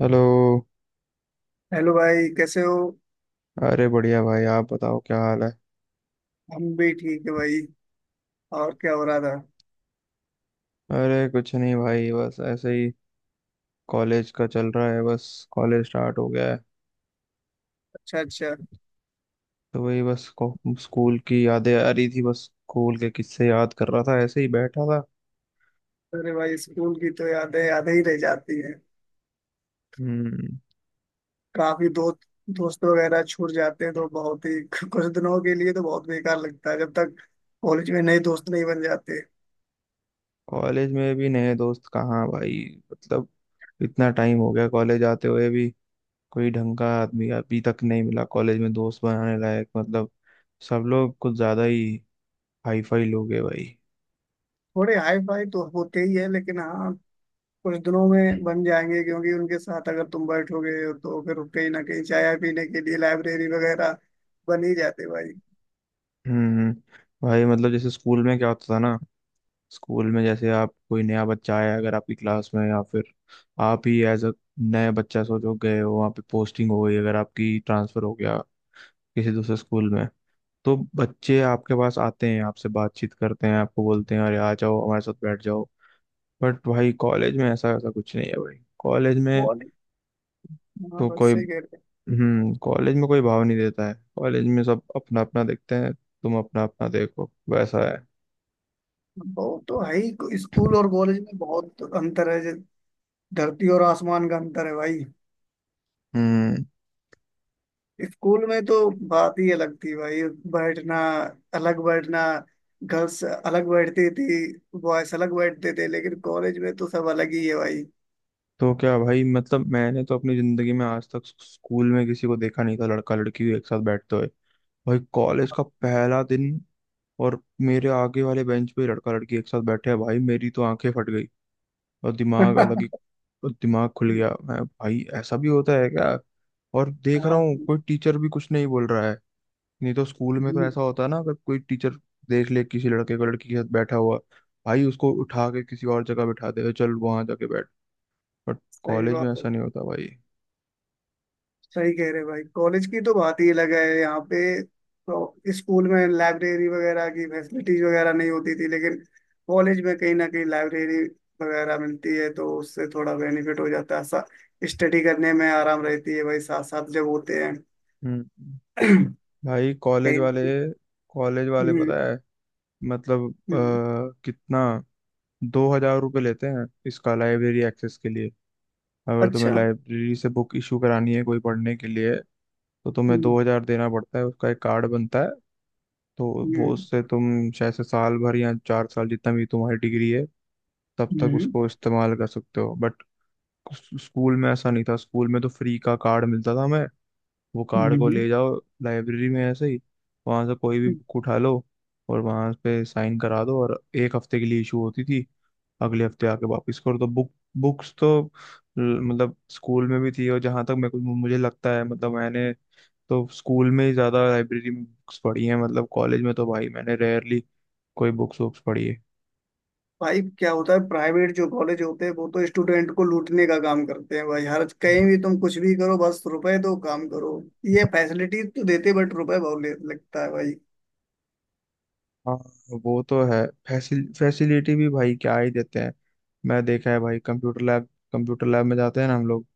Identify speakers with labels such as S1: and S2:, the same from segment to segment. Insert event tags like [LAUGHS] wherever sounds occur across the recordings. S1: Hello.
S2: Hello भाई, कैसे हो?
S1: अरे बढ़िया भाई, आप बताओ क्या हाल है।
S2: हम भी ठीक है भाई। और क्या हो रहा था?
S1: अरे कुछ नहीं भाई, बस ऐसे ही। कॉलेज का चल रहा है बस। कॉलेज स्टार्ट हो गया है।
S2: अच्छा अच्छा।
S1: तो वही बस स्कूल की यादें आ रही थी, बस स्कूल के किस्से याद कर रहा था, ऐसे ही बैठा था।
S2: अरे भाई, स्कूल की तो यादें यादें ही रह जाती हैं।
S1: हम्म।
S2: काफी दोस्त दोस्त वगैरह छूट जाते हैं तो बहुत ही [LAUGHS] कुछ दिनों के लिए तो बहुत बेकार लगता है, जब तक कॉलेज में नए दोस्त नहीं बन जाते।
S1: कॉलेज में भी नए दोस्त कहाँ भाई। मतलब इतना टाइम हो गया कॉलेज आते हुए भी। कोई ढंग का आदमी अभी तक नहीं मिला कॉलेज में दोस्त बनाने लायक। मतलब सब लोग कुछ ज्यादा ही हाई फाई लोग हैं भाई।
S2: थोड़े हाई फाई तो होते ही है, लेकिन हाँ, कुछ दिनों में बन जाएंगे क्योंकि उनके साथ अगर तुम बैठोगे तो फिर कहीं ना कहीं चाय पीने के लिए लाइब्रेरी वगैरह बन ही जाते भाई।
S1: हम्म। भाई मतलब जैसे स्कूल में क्या होता था ना, स्कूल में जैसे आप कोई नया बच्चा आया अगर आपकी क्लास में, या फिर आप ही एज अ नया बच्चा सोचो गए हो वहाँ पे, पोस्टिंग हो गई अगर आपकी, ट्रांसफर हो गया किसी दूसरे स्कूल में, तो बच्चे आपके पास आते हैं, आपसे बातचीत करते हैं, आपको बोलते हैं अरे आ जाओ हमारे साथ बैठ जाओ। बट भाई कॉलेज में ऐसा ऐसा कुछ नहीं है भाई, कॉलेज में
S2: वो नहीं, हाँ,
S1: तो
S2: बस
S1: कोई।
S2: सही कह रहे हो।
S1: हम्म। कॉलेज में कोई भाव नहीं देता है, कॉलेज में सब अपना अपना देखते हैं, तुम अपना अपना देखो, वैसा है।
S2: वो तो है ही, स्कूल और कॉलेज में बहुत अंतर है, जैसे धरती और आसमान का अंतर है भाई।
S1: हम्म।
S2: स्कूल में तो बात ही अलग थी भाई। बैठना, अलग बैठना, गर्ल्स अलग बैठती थी, बॉयज अलग बैठते थे, लेकिन कॉलेज में तो सब अलग ही है भाई।
S1: तो क्या भाई, मतलब मैंने तो अपनी जिंदगी में आज तक स्कूल में किसी को देखा नहीं था लड़का लड़की एक साथ बैठते हुए। भाई कॉलेज का पहला दिन और मेरे आगे वाले बेंच पे लड़का लड़की एक साथ बैठे हैं भाई, मेरी तो आंखें फट गई और दिमाग अलग ही,
S2: [LAUGHS]
S1: और दिमाग खुल गया। मैं, भाई ऐसा भी होता है क्या। और देख रहा
S2: हाँ।
S1: हूँ कोई टीचर भी कुछ नहीं बोल रहा है। नहीं तो स्कूल में तो
S2: हम्म।
S1: ऐसा होता है ना, अगर कोई टीचर देख ले किसी लड़के को लड़की के साथ बैठा हुआ, भाई उसको उठा के किसी और जगह बिठा दे, चल वहां जाके बैठ। बट
S2: सही
S1: कॉलेज में
S2: बात है।
S1: ऐसा नहीं होता भाई।
S2: सही कह रहे भाई, कॉलेज की तो बात ही अलग है। यहाँ पे तो, स्कूल में लाइब्रेरी वगैरह की फैसिलिटीज वगैरह नहीं होती थी, लेकिन कॉलेज में कहीं ना कहीं लाइब्रेरी वगैरह मिलती है तो उससे थोड़ा बेनिफिट हो जाता है। स्टडी करने में आराम रहती है भाई, साथ साथ जब होते हैं।
S1: हम्म।
S2: [CLEARS THROAT]
S1: भाई कॉलेज
S2: कहीं।
S1: वाले कॉलेज वाले
S2: हम्म। हम्म।
S1: पता है, मतलब
S2: हम्म।
S1: कितना 2,000 रुपये लेते हैं इसका लाइब्रेरी एक्सेस के लिए, अगर तुम्हें
S2: अच्छा।
S1: लाइब्रेरी से बुक इशू करानी है कोई पढ़ने के लिए, तो तुम्हें
S2: हम्म।
S1: 2,000 देना पड़ता है, उसका एक कार्ड बनता है। तो वो
S2: हम्म।
S1: उससे तुम शायद से साल भर या चार साल, जितना भी तुम्हारी डिग्री है तब तक,
S2: हम्म।
S1: उसको इस्तेमाल कर सकते हो। बट स्कूल में ऐसा नहीं था। स्कूल में तो फ्री का कार्ड मिलता था हमें, वो कार्ड को ले
S2: हम्म।
S1: जाओ लाइब्रेरी में, ऐसे ही वहां से कोई भी
S2: हम्म।
S1: बुक उठा लो और वहां पे साइन करा दो, और एक हफ्ते के लिए इशू होती थी, अगले हफ्ते आके वापस करो तो बुक। बुक्स तो मतलब स्कूल में भी थी, और जहां तक मैं कुछ, मुझे लगता है मतलब मैंने तो स्कूल में ही ज्यादा लाइब्रेरी में बुक्स पढ़ी हैं। मतलब कॉलेज में तो भाई मैंने रेयरली कोई बुक्स वुक्स पढ़ी है।
S2: भाई, क्या होता है, प्राइवेट जो कॉलेज होते हैं वो तो स्टूडेंट को लूटने का काम करते हैं भाई। हर कहीं भी तुम कुछ भी करो, बस रुपए दो, काम करो। ये फैसिलिटी तो देते, बट रुपए बहुत लगता है भाई।
S1: हाँ। वो तो है, फैसिलिटी भी भाई क्या ही देते हैं। मैं देखा है भाई, कंप्यूटर लैब में जाते हैं ना हम लोग,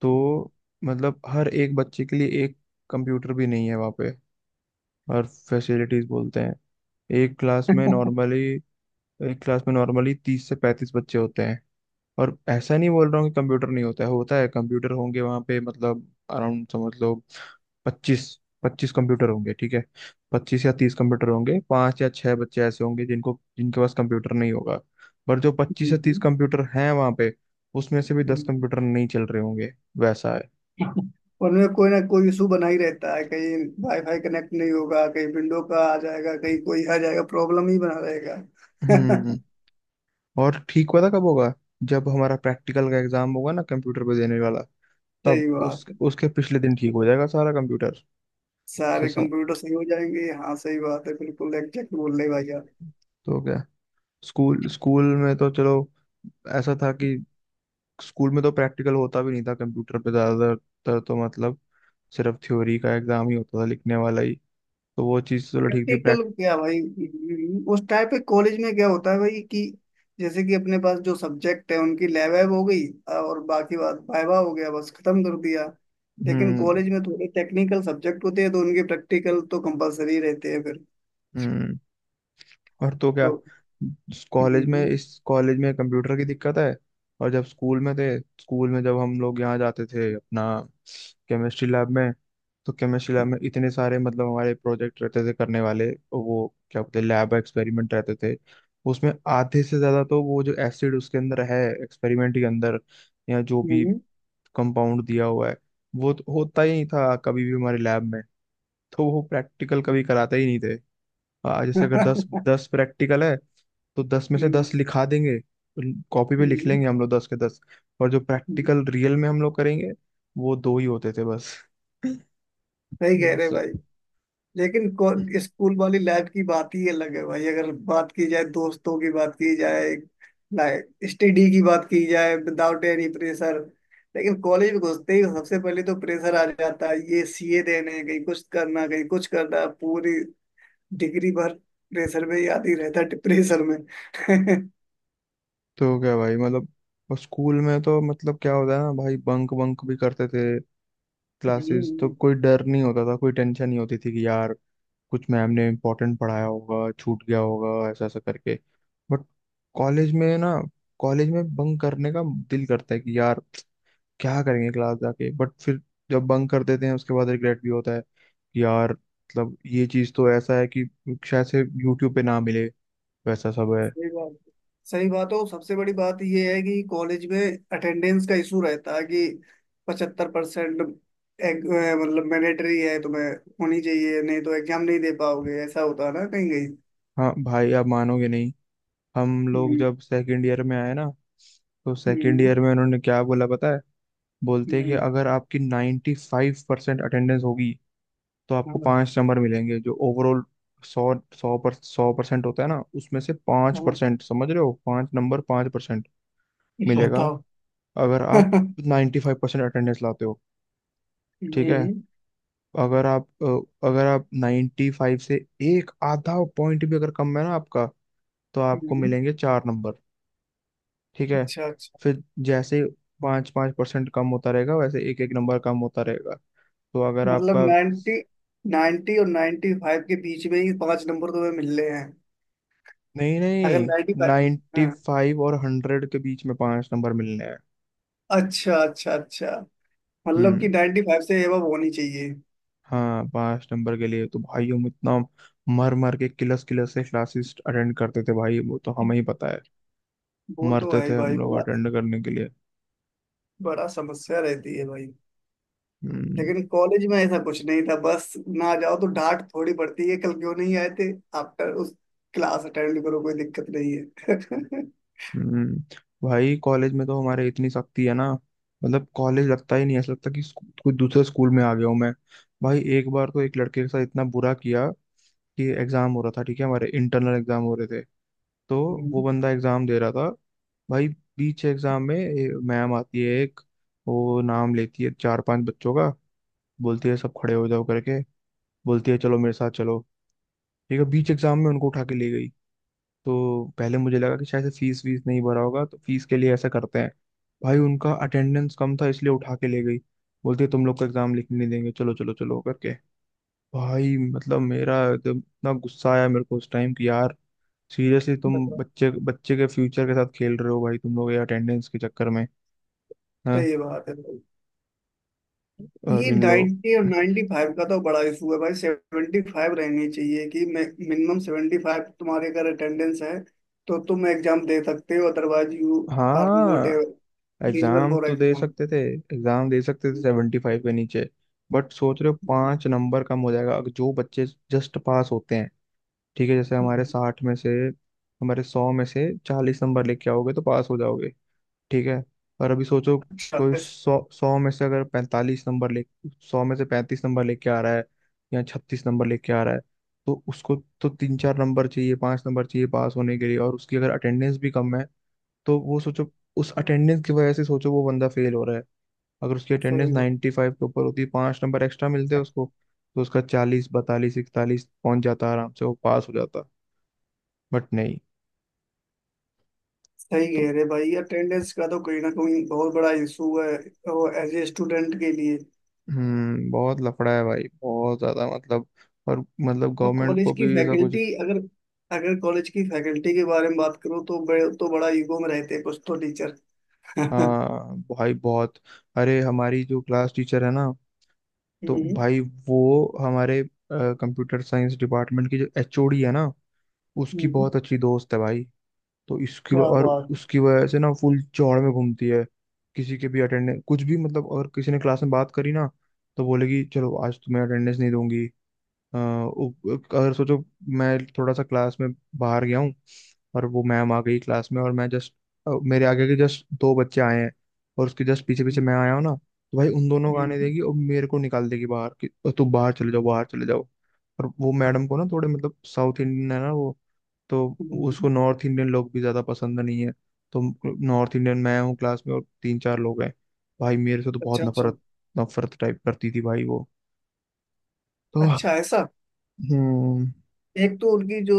S1: तो मतलब हर एक बच्चे के लिए एक कंप्यूटर भी नहीं है वहाँ पे, और फैसिलिटीज बोलते हैं। एक क्लास
S2: [LAUGHS]
S1: में
S2: हम्म।
S1: नॉर्मली एक क्लास में नॉर्मली 30 से 35 बच्चे होते हैं। और ऐसा नहीं बोल रहा हूँ कि कंप्यूटर नहीं होता है, होता है, कंप्यूटर होंगे वहाँ पे, मतलब अराउंड समझ लो पच्चीस पच्चीस कंप्यूटर होंगे, ठीक है। 25 या 30 कंप्यूटर होंगे, पांच या छह बच्चे ऐसे होंगे जिनको, जिनके पास कंप्यूटर नहीं होगा। पर जो 25 या 30
S2: हम्म।
S1: कंप्यूटर हैं वहाँ पे, उसमें से भी 10
S2: हम्म।
S1: कंप्यूटर नहीं चल रहे होंगे, वैसा है।
S2: उनमें कोई ना कोई इशू बना ही रहता है। कहीं वाईफाई कनेक्ट नहीं होगा, कहीं विंडो का आ जाएगा, कहीं कोई आ जाएगा, प्रॉब्लम ही बना रहेगा।
S1: हम्म।
S2: [LAUGHS]
S1: और ठीक पता कब होगा, जब हमारा प्रैक्टिकल का एग्जाम होगा ना कंप्यूटर पे देने वाला, तब
S2: सही बात
S1: उस
S2: है।
S1: उसके पिछले दिन ठीक हो जाएगा सारा कंप्यूटर। से
S2: सारे
S1: सा,
S2: कंप्यूटर सही हो जाएंगे, हाँ, सही बात है, बिल्कुल एग्जैक्ट बोल रहे भाई।
S1: तो क्या, स्कूल स्कूल में तो चलो ऐसा था कि स्कूल में तो प्रैक्टिकल होता भी नहीं था कंप्यूटर पे ज्यादातर, तो मतलब सिर्फ थ्योरी का एग्जाम ही होता था लिखने वाला ही। तो वो चीज़ चलो ठीक थी,
S2: प्रैक्टिकल
S1: प्रैक्ट।
S2: क्या भाई? उस टाइप के कॉलेज में क्या होता है भाई कि जैसे कि अपने पास जो सब्जेक्ट है उनकी लैब वैब हो गई, और बाकी बात वाइवा हो गया, बस खत्म कर दिया। लेकिन
S1: हम्म।
S2: कॉलेज में थोड़े टेक्निकल सब्जेक्ट होते हैं तो उनके प्रैक्टिकल तो कंपलसरी रहते हैं फिर।
S1: हम्म। और तो क्या,
S2: तो
S1: कॉलेज में,
S2: हम्म।
S1: इस कॉलेज में कंप्यूटर की दिक्कत है। और जब स्कूल में थे, स्कूल में जब हम लोग यहाँ जाते थे अपना केमिस्ट्री लैब में, तो केमिस्ट्री लैब में इतने सारे, मतलब हमारे प्रोजेक्ट रहते थे करने वाले, वो क्या बोलते हैं, लैब एक्सपेरिमेंट रहते थे। उसमें आधे से ज्यादा तो वो जो एसिड उसके अंदर है एक्सपेरिमेंट के अंदर, या जो
S2: हम्म।
S1: भी
S2: हम्म।
S1: कंपाउंड दिया हुआ है, वो तो होता ही नहीं था कभी भी हमारे लैब में, तो वो प्रैक्टिकल कभी कराते ही नहीं थे। जैसे अगर दस
S2: [LAUGHS]
S1: दस प्रैक्टिकल है, तो दस में से
S2: हम्म।
S1: दस लिखा देंगे, तो कॉपी पे लिख
S2: हम्म।
S1: लेंगे हम लोग दस के दस। और जो
S2: हम्म।
S1: प्रैक्टिकल रियल में हम लोग करेंगे, वो दो ही होते थे बस। [LAUGHS]
S2: सही कह
S1: बस।
S2: रहे भाई। लेकिन स्कूल वाली लाइफ की बात ही अलग है भाई, अगर बात की जाए, दोस्तों की बात की जाए, लाइक स्टडी की बात की जाए, विदाउट एनी प्रेशर। लेकिन कॉलेज में घुसते ही सबसे पहले तो प्रेशर आ जाता है, ये सीए देने हैं, कहीं कुछ करना, कहीं कुछ करना, पूरी डिग्री भर प्रेशर में ही आती रहता है, प्रेशर में। [LAUGHS]
S1: तो क्या भाई, मतलब और स्कूल में तो मतलब क्या होता है ना भाई, बंक बंक भी करते थे क्लासेस, तो
S2: हम्म।
S1: कोई डर नहीं होता था, कोई टेंशन नहीं होती थी कि यार कुछ मैम ने इम्पोर्टेंट पढ़ाया होगा छूट गया होगा, ऐसा ऐसा करके। बट कॉलेज में ना, कॉलेज में बंक करने का दिल करता है कि यार क्या करेंगे क्लास जाके, बट फिर जब बंक कर देते हैं उसके बाद रिग्रेट भी होता है कि यार, मतलब ये चीज तो ऐसा है कि शायद से यूट्यूब पे ना मिले, वैसा सब है।
S2: सही बात। सही बात है। और सबसे बड़ी बात यह है कि कॉलेज में अटेंडेंस का इशू रहता है कि पचहत्तर परसेंट मतलब मैंडेटरी है, तुम्हें होनी चाहिए, नहीं तो एग्जाम नहीं दे पाओगे, ऐसा होता है ना कहीं कहीं।
S1: हाँ भाई आप मानोगे नहीं, हम लोग
S2: हम्म।
S1: जब सेकंड ईयर में आए ना, तो सेकंड
S2: हम्म।
S1: ईयर में उन्होंने क्या बोला पता है, बोलते हैं कि
S2: हम्म।
S1: अगर आपकी 95% 5% अटेंडेंस होगी, तो आपको
S2: हाँ।
S1: पाँच नंबर मिलेंगे जो ओवरऑल, सौ सौ पर 100% होता है ना उसमें से पाँच
S2: हाँ।
S1: परसेंट समझ रहे हो, पाँच नंबर, 5% मिलेगा
S2: बताओ।
S1: अगर आप
S2: [LAUGHS]
S1: 95% अटेंडेंस लाते हो। ठीक है।
S2: हम्म।
S1: अगर आप अगर आप 95 से एक आधा पॉइंट भी अगर कम है ना आपका, तो आपको
S2: हम्म।
S1: मिलेंगे चार नंबर। ठीक है।
S2: अच्छा अच्छा।
S1: फिर जैसे पाँच पाँच परसेंट कम होता रहेगा, वैसे एक एक नंबर कम होता रहेगा। तो अगर
S2: मतलब
S1: आपका,
S2: 90, 90 और 95 के बीच में ही पांच नंबर तुम्हें मिल रहे हैं?
S1: नहीं
S2: अगर
S1: नहीं,
S2: 95,
S1: नाइन्टी
S2: हाँ,
S1: फाइव और 100 के बीच में पांच नंबर मिलने हैं।
S2: अच्छा अच्छा अच्छा, मतलब कि
S1: हम्म।
S2: 95 से एबव होनी चाहिए।
S1: हाँ, पांच नंबर के लिए तो भाई हम इतना मर मर के, किलस किलस से क्लासेस अटेंड करते थे भाई, वो तो हमें ही पता है।
S2: वो तो
S1: मरते
S2: है
S1: थे
S2: ही
S1: हम
S2: भाई,
S1: लोग
S2: बड़ा
S1: अटेंड करने के लिए।
S2: बड़ा समस्या रहती है भाई।
S1: हम्म।
S2: लेकिन कॉलेज में ऐसा कुछ नहीं था, बस ना जाओ तो डांट थोड़ी पड़ती है, कल क्यों नहीं आए थे, आफ्टर उस क्लास अटेंड करो, कोई दिक्कत नहीं है। [LAUGHS]
S1: हम्म। भाई कॉलेज में तो हमारे इतनी सख्ती है ना, मतलब कॉलेज लगता ही नहीं, ऐसा लगता कि कोई दूसरे स्कूल में आ गया हूँ मैं। भाई एक बार तो एक लड़के के साथ इतना बुरा किया कि एग्जाम हो रहा था, ठीक है हमारे इंटरनल एग्जाम हो रहे थे, तो वो
S2: हम्म।
S1: बंदा एग्जाम दे रहा था भाई, बीच एग्जाम में मैम आती है एक, वो नाम लेती है चार पांच बच्चों का, बोलती है सब खड़े हो जाओ करके, बोलती है चलो मेरे साथ चलो ठीक है, बीच एग्जाम में उनको उठा के ले गई। तो पहले मुझे लगा कि शायद से फीस वीस नहीं भरा होगा, तो फीस के लिए ऐसा करते हैं, भाई उनका अटेंडेंस कम था इसलिए उठा के ले गई, बोलते तुम लोग का एग्जाम लिखने नहीं देंगे, चलो चलो चलो करके। भाई मतलब मेरा एकदम इतना गुस्सा आया मेरे को उस टाइम कि यार, सीरियसली तुम
S2: बताओ।
S1: बच्चे बच्चे के फ्यूचर के साथ खेल रहे हो भाई, तुम लोग ये अटेंडेंस के चक्कर में। हाँ।
S2: सही बात है भाई। ये
S1: और इन लोग,
S2: 90 और 95 का तो बड़ा इशू है भाई। 75 रहनी चाहिए कि मिनिमम 75 तुम्हारे अगर अटेंडेंस है तो तुम एग्जाम दे सकते हो, अदरवाइज यू आर नॉट
S1: हाँ
S2: एलिजिबल
S1: एग्जाम
S2: फॉर
S1: तो दे
S2: एग्जाम।
S1: सकते थे। एग्जाम दे सकते थे 75 के नीचे, बट सोच रहे हो पांच नंबर कम हो जाएगा, अगर जो बच्चे जस्ट पास होते हैं, ठीक है जैसे हमारे 60 में से, हमारे 100 में से 40 नंबर लेके आओगे तो पास हो जाओगे, ठीक है। और अभी सोचो
S2: अच्छा।
S1: कोई, सौ सौ में से अगर 45 नंबर ले, 100 में से 35 नंबर लेके आ रहा है या 36 नंबर लेके आ रहा है, तो उसको, तो तीन चार नंबर चाहिए, पांच नंबर चाहिए पास होने के लिए, और उसकी अगर अटेंडेंस भी कम है, तो वो सोचो, उस अटेंडेंस की वजह से सोचो वो बंदा फेल हो रहा है। अगर उसकी अटेंडेंस
S2: सही
S1: 95 के ऊपर होती, पांच नंबर एक्स्ट्रा मिलते हैं उसको, तो उसका 40 42 41 पहुंच जाता आराम से, वो पास हो जाता। बट नहीं।
S2: सही
S1: तो
S2: कह रहे भाई, अटेंडेंस का तो कहीं ना कहीं बहुत बड़ा इशू है, एज ए स्टूडेंट के लिए।
S1: बहुत लफड़ा है भाई, बहुत ज्यादा, मतलब और मतलब
S2: और
S1: गवर्नमेंट
S2: कॉलेज
S1: को
S2: की
S1: भी ऐसा कुछ।
S2: फैकल्टी अगर, अगर कॉलेज की फैकल्टी के बारे में बात करूँ तो बड़े तो बड़ा ईगो में रहते हैं कुछ तो टीचर। [LAUGHS] हम्म।
S1: हाँ भाई बहुत। अरे हमारी जो क्लास टीचर है ना, तो भाई वो, हमारे कंप्यूटर साइंस डिपार्टमेंट की जो एचओडी है ना, उसकी
S2: हम्म।
S1: बहुत अच्छी दोस्त है भाई, तो
S2: क्या
S1: और
S2: बात।
S1: उसकी वजह से ना फुल चौड़ में घूमती है। किसी के भी अटेंडेंस कुछ भी, मतलब अगर किसी ने क्लास में बात करी ना, तो बोलेगी चलो आज तुम्हें अटेंडेंस नहीं दूंगी। अ, उ- अगर सोचो मैं थोड़ा सा क्लास में बाहर गया हूँ, और वो मैम आ गई क्लास में, और मैं जस्ट, मेरे आगे के जस्ट दो बच्चे आए हैं, और उसके जस्ट पीछे पीछे
S2: हम्म।
S1: मैं आया हूँ ना, तो भाई उन दोनों को आने
S2: हम्म।
S1: देगी और मेरे को निकाल देगी बाहर कि तुम बाहर चले जाओ, बाहर चले जाओ। और वो मैडम को ना थोड़े मतलब, साउथ इंडियन है ना वो, तो
S2: हम्म।
S1: उसको नॉर्थ इंडियन लोग भी ज्यादा पसंद नहीं है, तो नॉर्थ इंडियन मैं हूँ क्लास में और तीन चार लोग हैं। भाई मेरे से तो बहुत
S2: अच्छा अच्छा।
S1: नफरत, नफरत टाइप करती थी भाई वो। तो
S2: अच्छा ऐसा।
S1: हम्म।
S2: एक तो उनकी जो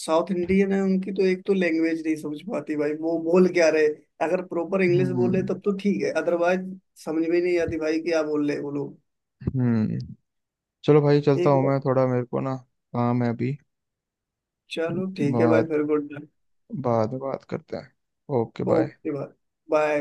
S2: साउथ इंडियन है उनकी तो एक तो लैंग्वेज नहीं समझ पाती भाई, वो बोल क्या रहे। अगर प्रॉपर इंग्लिश बोले
S1: हम्म।
S2: तब तो ठीक है, अदरवाइज समझ में नहीं आती भाई, क्या बोल रहे हैं वो लोग।
S1: हम्म। चलो भाई चलता
S2: एक
S1: हूँ
S2: बार,
S1: मैं थोड़ा, मेरे को ना काम है अभी, तो
S2: चलो ठीक है भाई,
S1: बाद
S2: फिर गुड।
S1: बाद में बात करते हैं। Okay bye.
S2: ओके भाई, बाय।